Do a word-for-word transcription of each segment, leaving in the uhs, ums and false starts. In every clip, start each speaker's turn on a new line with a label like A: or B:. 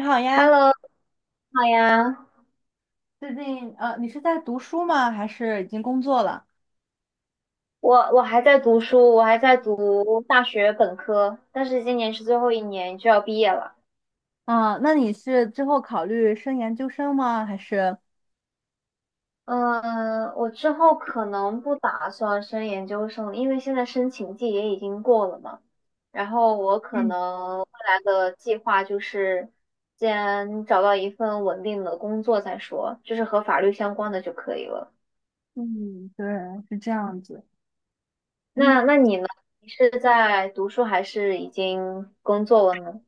A: 你好呀，
B: Hello，你好呀，
A: 最近呃，你是在读书吗？还是已经工作了？
B: 我我还在读书，我还在读大学本科，但是今年是最后一年就要毕业了。
A: 啊，那你是之后考虑升研究生吗？还是？
B: 嗯，我之后可能不打算升研究生，因为现在申请季也已经过了嘛。然后我可
A: 嗯
B: 能未来的计划就是先找到一份稳定的工作再说，就是和法律相关的就可以了。
A: 嗯，对，是这样子。嗯，
B: 那那你呢？你是在读书还是已经工作了呢？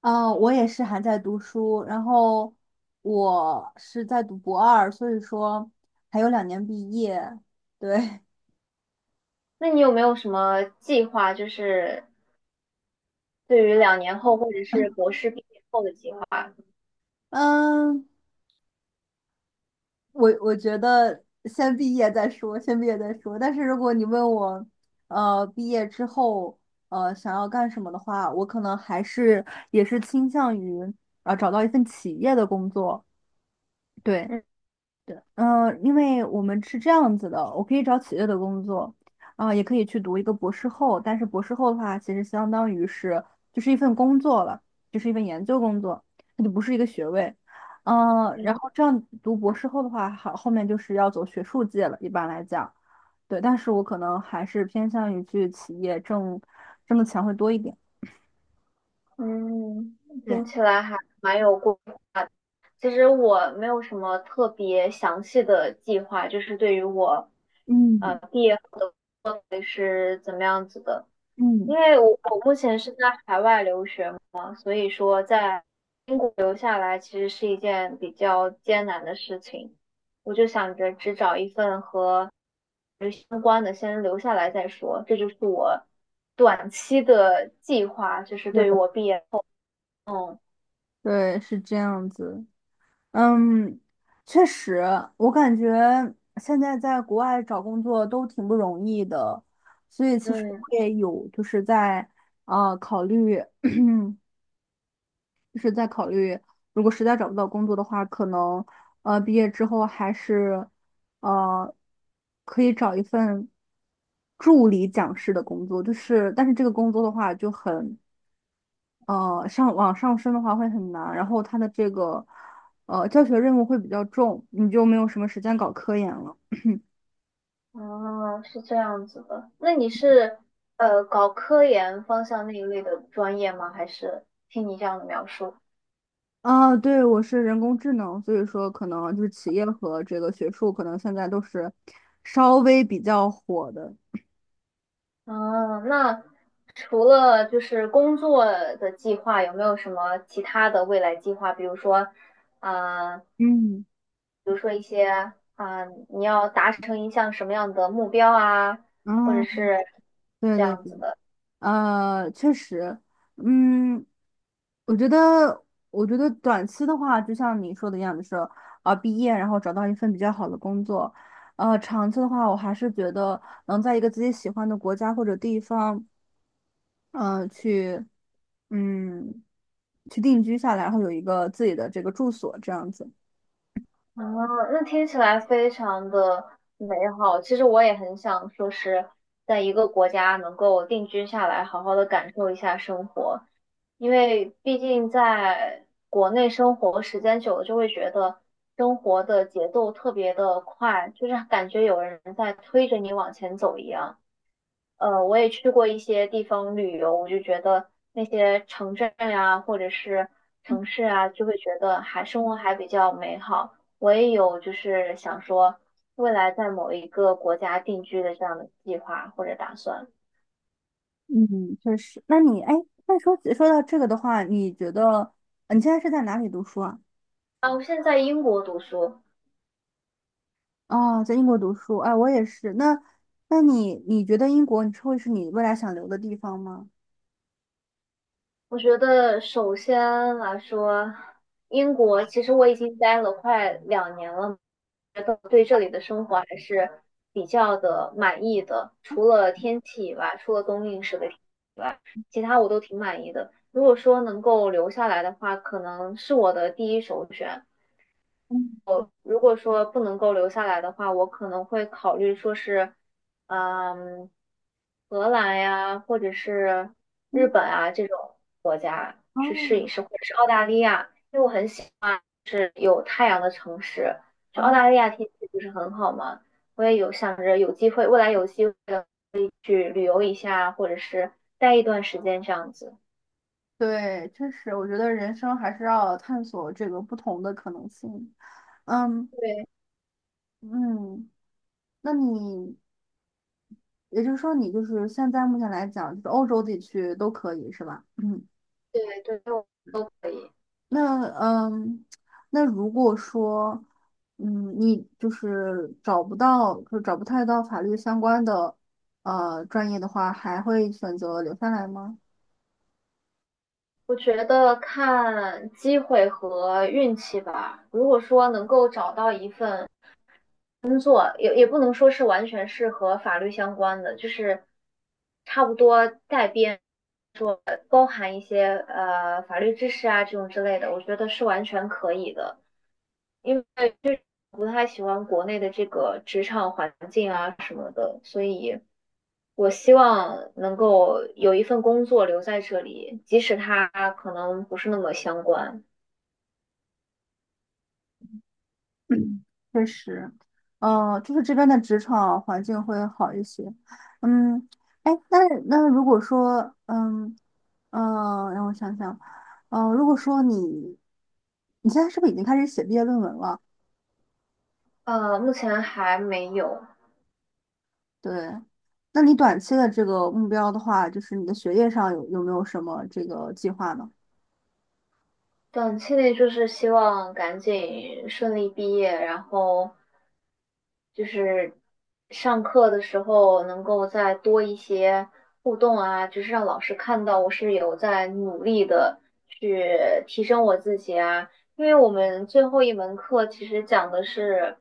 A: 呃，我也是还在读书，然后我是在读博二，所以说还有两年毕业。对，
B: 那你有没有什么计划，就是对于两年后或者是博士毕业后的计划？
A: 嗯，我我觉得先毕业再说，先毕业再说。但是如果你问我，呃，毕业之后，呃，想要干什么的话，我可能还是也是倾向于啊、找到一份企业的工作。对。
B: 嗯
A: 对，嗯、因为我们是这样子的，我可以找企业的工作，啊、也可以去读一个博士后，但是博士后的话，其实相当于是就是一份工作了，就是一份研究工作，它就不是一个学位，嗯、然
B: 嗯
A: 后这样读博士后的话，好，后面就是要走学术界了，一般来讲，对，但是我可能还是偏向于去企业挣挣的钱会多一点，
B: 嗯
A: 对，
B: 听起来还蛮有过其实我没有什么特别详细的计划，就是对于我呃
A: 嗯
B: 毕业后的会是怎么样子的。因
A: 嗯。
B: 为我我目前是在海外留学嘛，所以说在英国留下来其实是一件比较艰难的事情。我就想着只找一份和相关的先留下来再说。这就是我短期的计划，就是
A: 对，
B: 对于我毕业后，嗯
A: 对是这样子，嗯，确实，我感觉现在在国外找工作都挺不容易的，所以其实我
B: 嗯，
A: 也有就是在啊、呃考虑，嗯，就是在考虑，如果实在找不到工作的话，可能呃毕业之后还是呃可以找一份助理讲师的工作，就是但是这个工作的话就很呃，上往上升的话会很难，然后它的这个呃教学任务会比较重，你就没有什么时间搞科研了。
B: 哦，是这样子的。那你是呃搞科研方向那一类的专业吗？还是听你这样的描述？
A: 啊，对，我是人工智能，所以说可能就是企业和这个学术可能现在都是稍微比较火的。
B: 嗯，那除了就是工作的计划，有没有什么其他的未来计划？比如说，呃，
A: 嗯，
B: 比如说一些啊、你要达成一项什么样的目标啊，或者
A: 啊，
B: 是
A: 对
B: 这
A: 对
B: 样
A: 对。
B: 子的。
A: 呃，确实，嗯，我觉得，我觉得短期的话，就像你说的一样，就是啊，毕业然后找到一份比较好的工作，呃，长期的话，我还是觉得能在一个自己喜欢的国家或者地方，呃，去，嗯，去定居下来，然后有一个自己的这个住所，这样子。
B: 啊，那听起来非常的美好。其实我也很想说是在一个国家能够定居下来，好好的感受一下生活，因为毕竟在国内生活时间久了，就会觉得生活的节奏特别的快，就是感觉有人在推着你往前走一样。呃，我也去过一些地方旅游，我就觉得那些城镇呀，或者是城市啊，就会觉得还生活还比较美好。我也有就是想说，未来在某一个国家定居的这样的计划或者打算。
A: 嗯，确实。那你，哎，那说说到这个的话，你觉得呃你现在是在哪里读书啊？
B: 啊，我现在在英国读书，
A: 哦，在英国读书，哎，我也是。那，那你你觉得英国你会是你未来想留的地方吗？
B: 我觉得首先来说，英国其实我已经待了快两年了，觉得对这里的生活还是比较的满意的。除了天气以外，除了冬令时的天气以外，其他我都挺满意的。如果说能够留下来的话，可能是我的第一首选。
A: 嗯
B: 如果说不能够留下来的话，我可能会考虑说是，嗯，荷兰呀，或者是日
A: 嗯
B: 本啊这种国家 去试
A: 哦
B: 一试，或者是澳大利亚啊有太阳的城市。就澳
A: 哦，
B: 大利亚天气不是很好嘛，我也有想着有机会，未来有机会的去旅游一下，或者是待一段时间这样子。
A: 对，确实，我觉得人生还是要探索这个不同的可能性。嗯
B: 对
A: 嗯，那你也就是说，你就是现在目前来讲，就是欧洲地区都可以是吧？嗯。
B: 对对，都可以。
A: 那嗯，那如果说，嗯，你就是找不到，就找不太到法律相关的呃专业的话，还会选择留下来吗？
B: 我觉得看机会和运气吧。如果说能够找到一份工作，也也不能说是完全是和法律相关的，就是差不多带边，包含一些呃法律知识啊这种之类的，我觉得是完全可以的。因为就是不太喜欢国内的这个职场环境啊什么的，所以我希望能够有一份工作留在这里，即使它可能不是那么相关。
A: 嗯确实，呃，就是这边的职场环境会好一些。嗯，哎，那那如果说，嗯嗯，呃让我想想，呃，如果说你你现在是不是已经开始写毕业论文了？
B: 呃，目前还没有，
A: 对，那你短期的这个目标的话，就是你的学业上有有没有什么这个计划呢？
B: 短期内就是希望赶紧顺利毕业，然后就是上课的时候能够再多一些互动啊，就是让老师看到我是有在努力的去提升我自己啊。因为我们最后一门课其实讲的是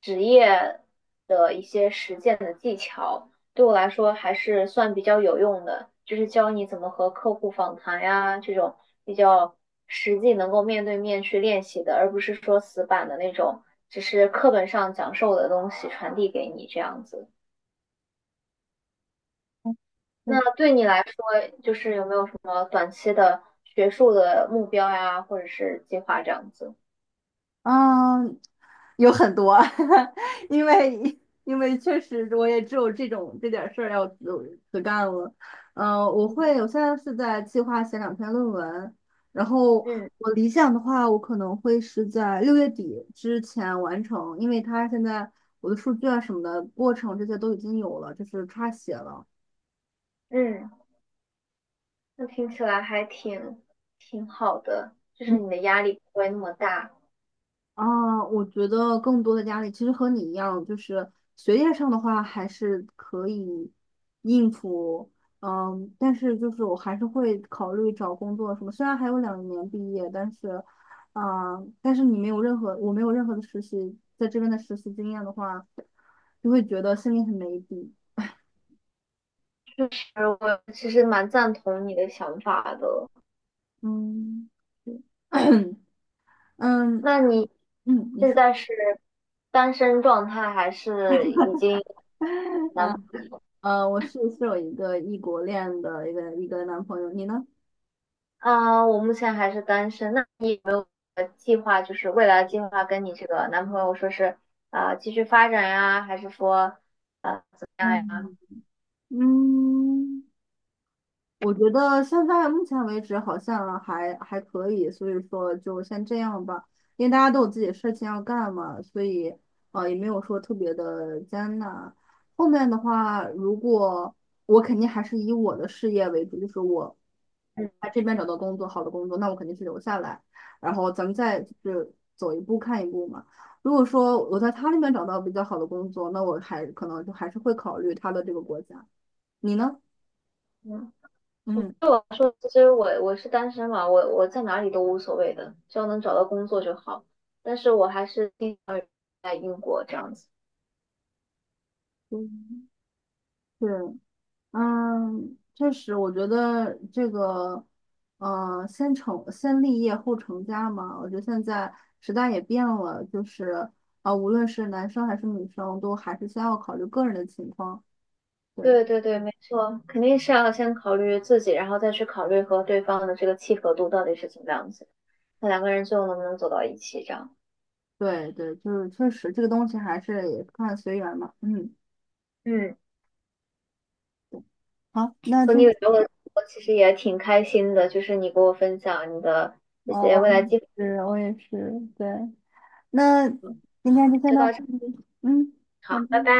B: 职业的一些实践的技巧。对我来说还是算比较有用的，就是教你怎么和客户访谈呀，这种比较实际能够面对面去练习的，而不是说死板的那种，只是课本上讲授的东西传递给你这样子。
A: 确
B: 那
A: 实。
B: 对你来说，就是有没有什么短期的学术的目标呀，或者是计划这样子？
A: 嗯，有很多，因为因为确实我也只有这种这点事儿要自自干了。嗯、我
B: 嗯
A: 会，我现在是在计划写两篇论文，然后
B: 嗯，
A: 我理想的话，我可能会是在六月底之前完成，因为它现在我的数据啊什么的过程这些都已经有了，就是差写了。
B: 嗯，那听起来还挺挺好的，就是
A: 嗯
B: 你的压力不会那么大。
A: 啊，我觉得更多的压力其实和你一样，就是学业上的话还是可以应付，嗯，但是就是我还是会考虑找工作什么。虽然还有两年毕业，但是，啊，但是你没有任何，我没有任何的实习，在这边的实习经验的话，就会觉得心里很没底。
B: 就是我其实蛮赞同你的想法的。
A: 嗯，对 嗯
B: 那你
A: 嗯，你
B: 现
A: 说。
B: 在是单身状态，还是已经有 男朋
A: 嗯
B: 友
A: 呃，我是是有一个异国恋的一个一个男朋友，你呢？
B: 啊，我目前还是单身。那你有没有计划，就是未来计划跟你这个男朋友说是啊、呃继续发展呀，还是说啊怎么样呀？
A: 嗯嗯，我觉得现在目前为止好像还还可以，所以说就先这样吧，因为大家都有自己的事情要干嘛，所以呃也没有说特别的艰难。后面的话，如果我肯定还是以我的事业为主，就是我在这边找到工作，好的工作，那我肯定是留下来，然后咱们再就是走一步看一步嘛。如果说我在他那边找到比较好的工作，那我还可能就还是会考虑他的这个国家。你呢？
B: 嗯嗯，
A: 嗯，
B: 对我来说，其实我我是单身嘛，我我在哪里都无所谓的，只要能找到工作就好。但是我还是定在英国这样子。
A: 嗯对，嗯，确实，我觉得这个，呃，先成先立业后成家嘛，我觉得现在时代也变了，就是啊、无论是男生还是女生，都还是先要考虑个人的情况。对，
B: 对对对，没错，肯定是要先考虑自己，然后再去考虑和对方的这个契合度到底是怎么样子，那两个人最后能不能走到一起这样。
A: 对，对，就是确实这个东西还是也看随缘嘛。嗯，
B: 嗯，
A: 好，那
B: 和你
A: 今，
B: 有聊了，我其实也挺开心的，就是你给我分享你的这
A: 哦，
B: 些
A: 我
B: 未来计划，
A: 是我也是，对，那今天就先
B: 就
A: 到
B: 到这
A: 这
B: 里，
A: 里。嗯，好
B: 好，
A: 的。
B: 拜拜。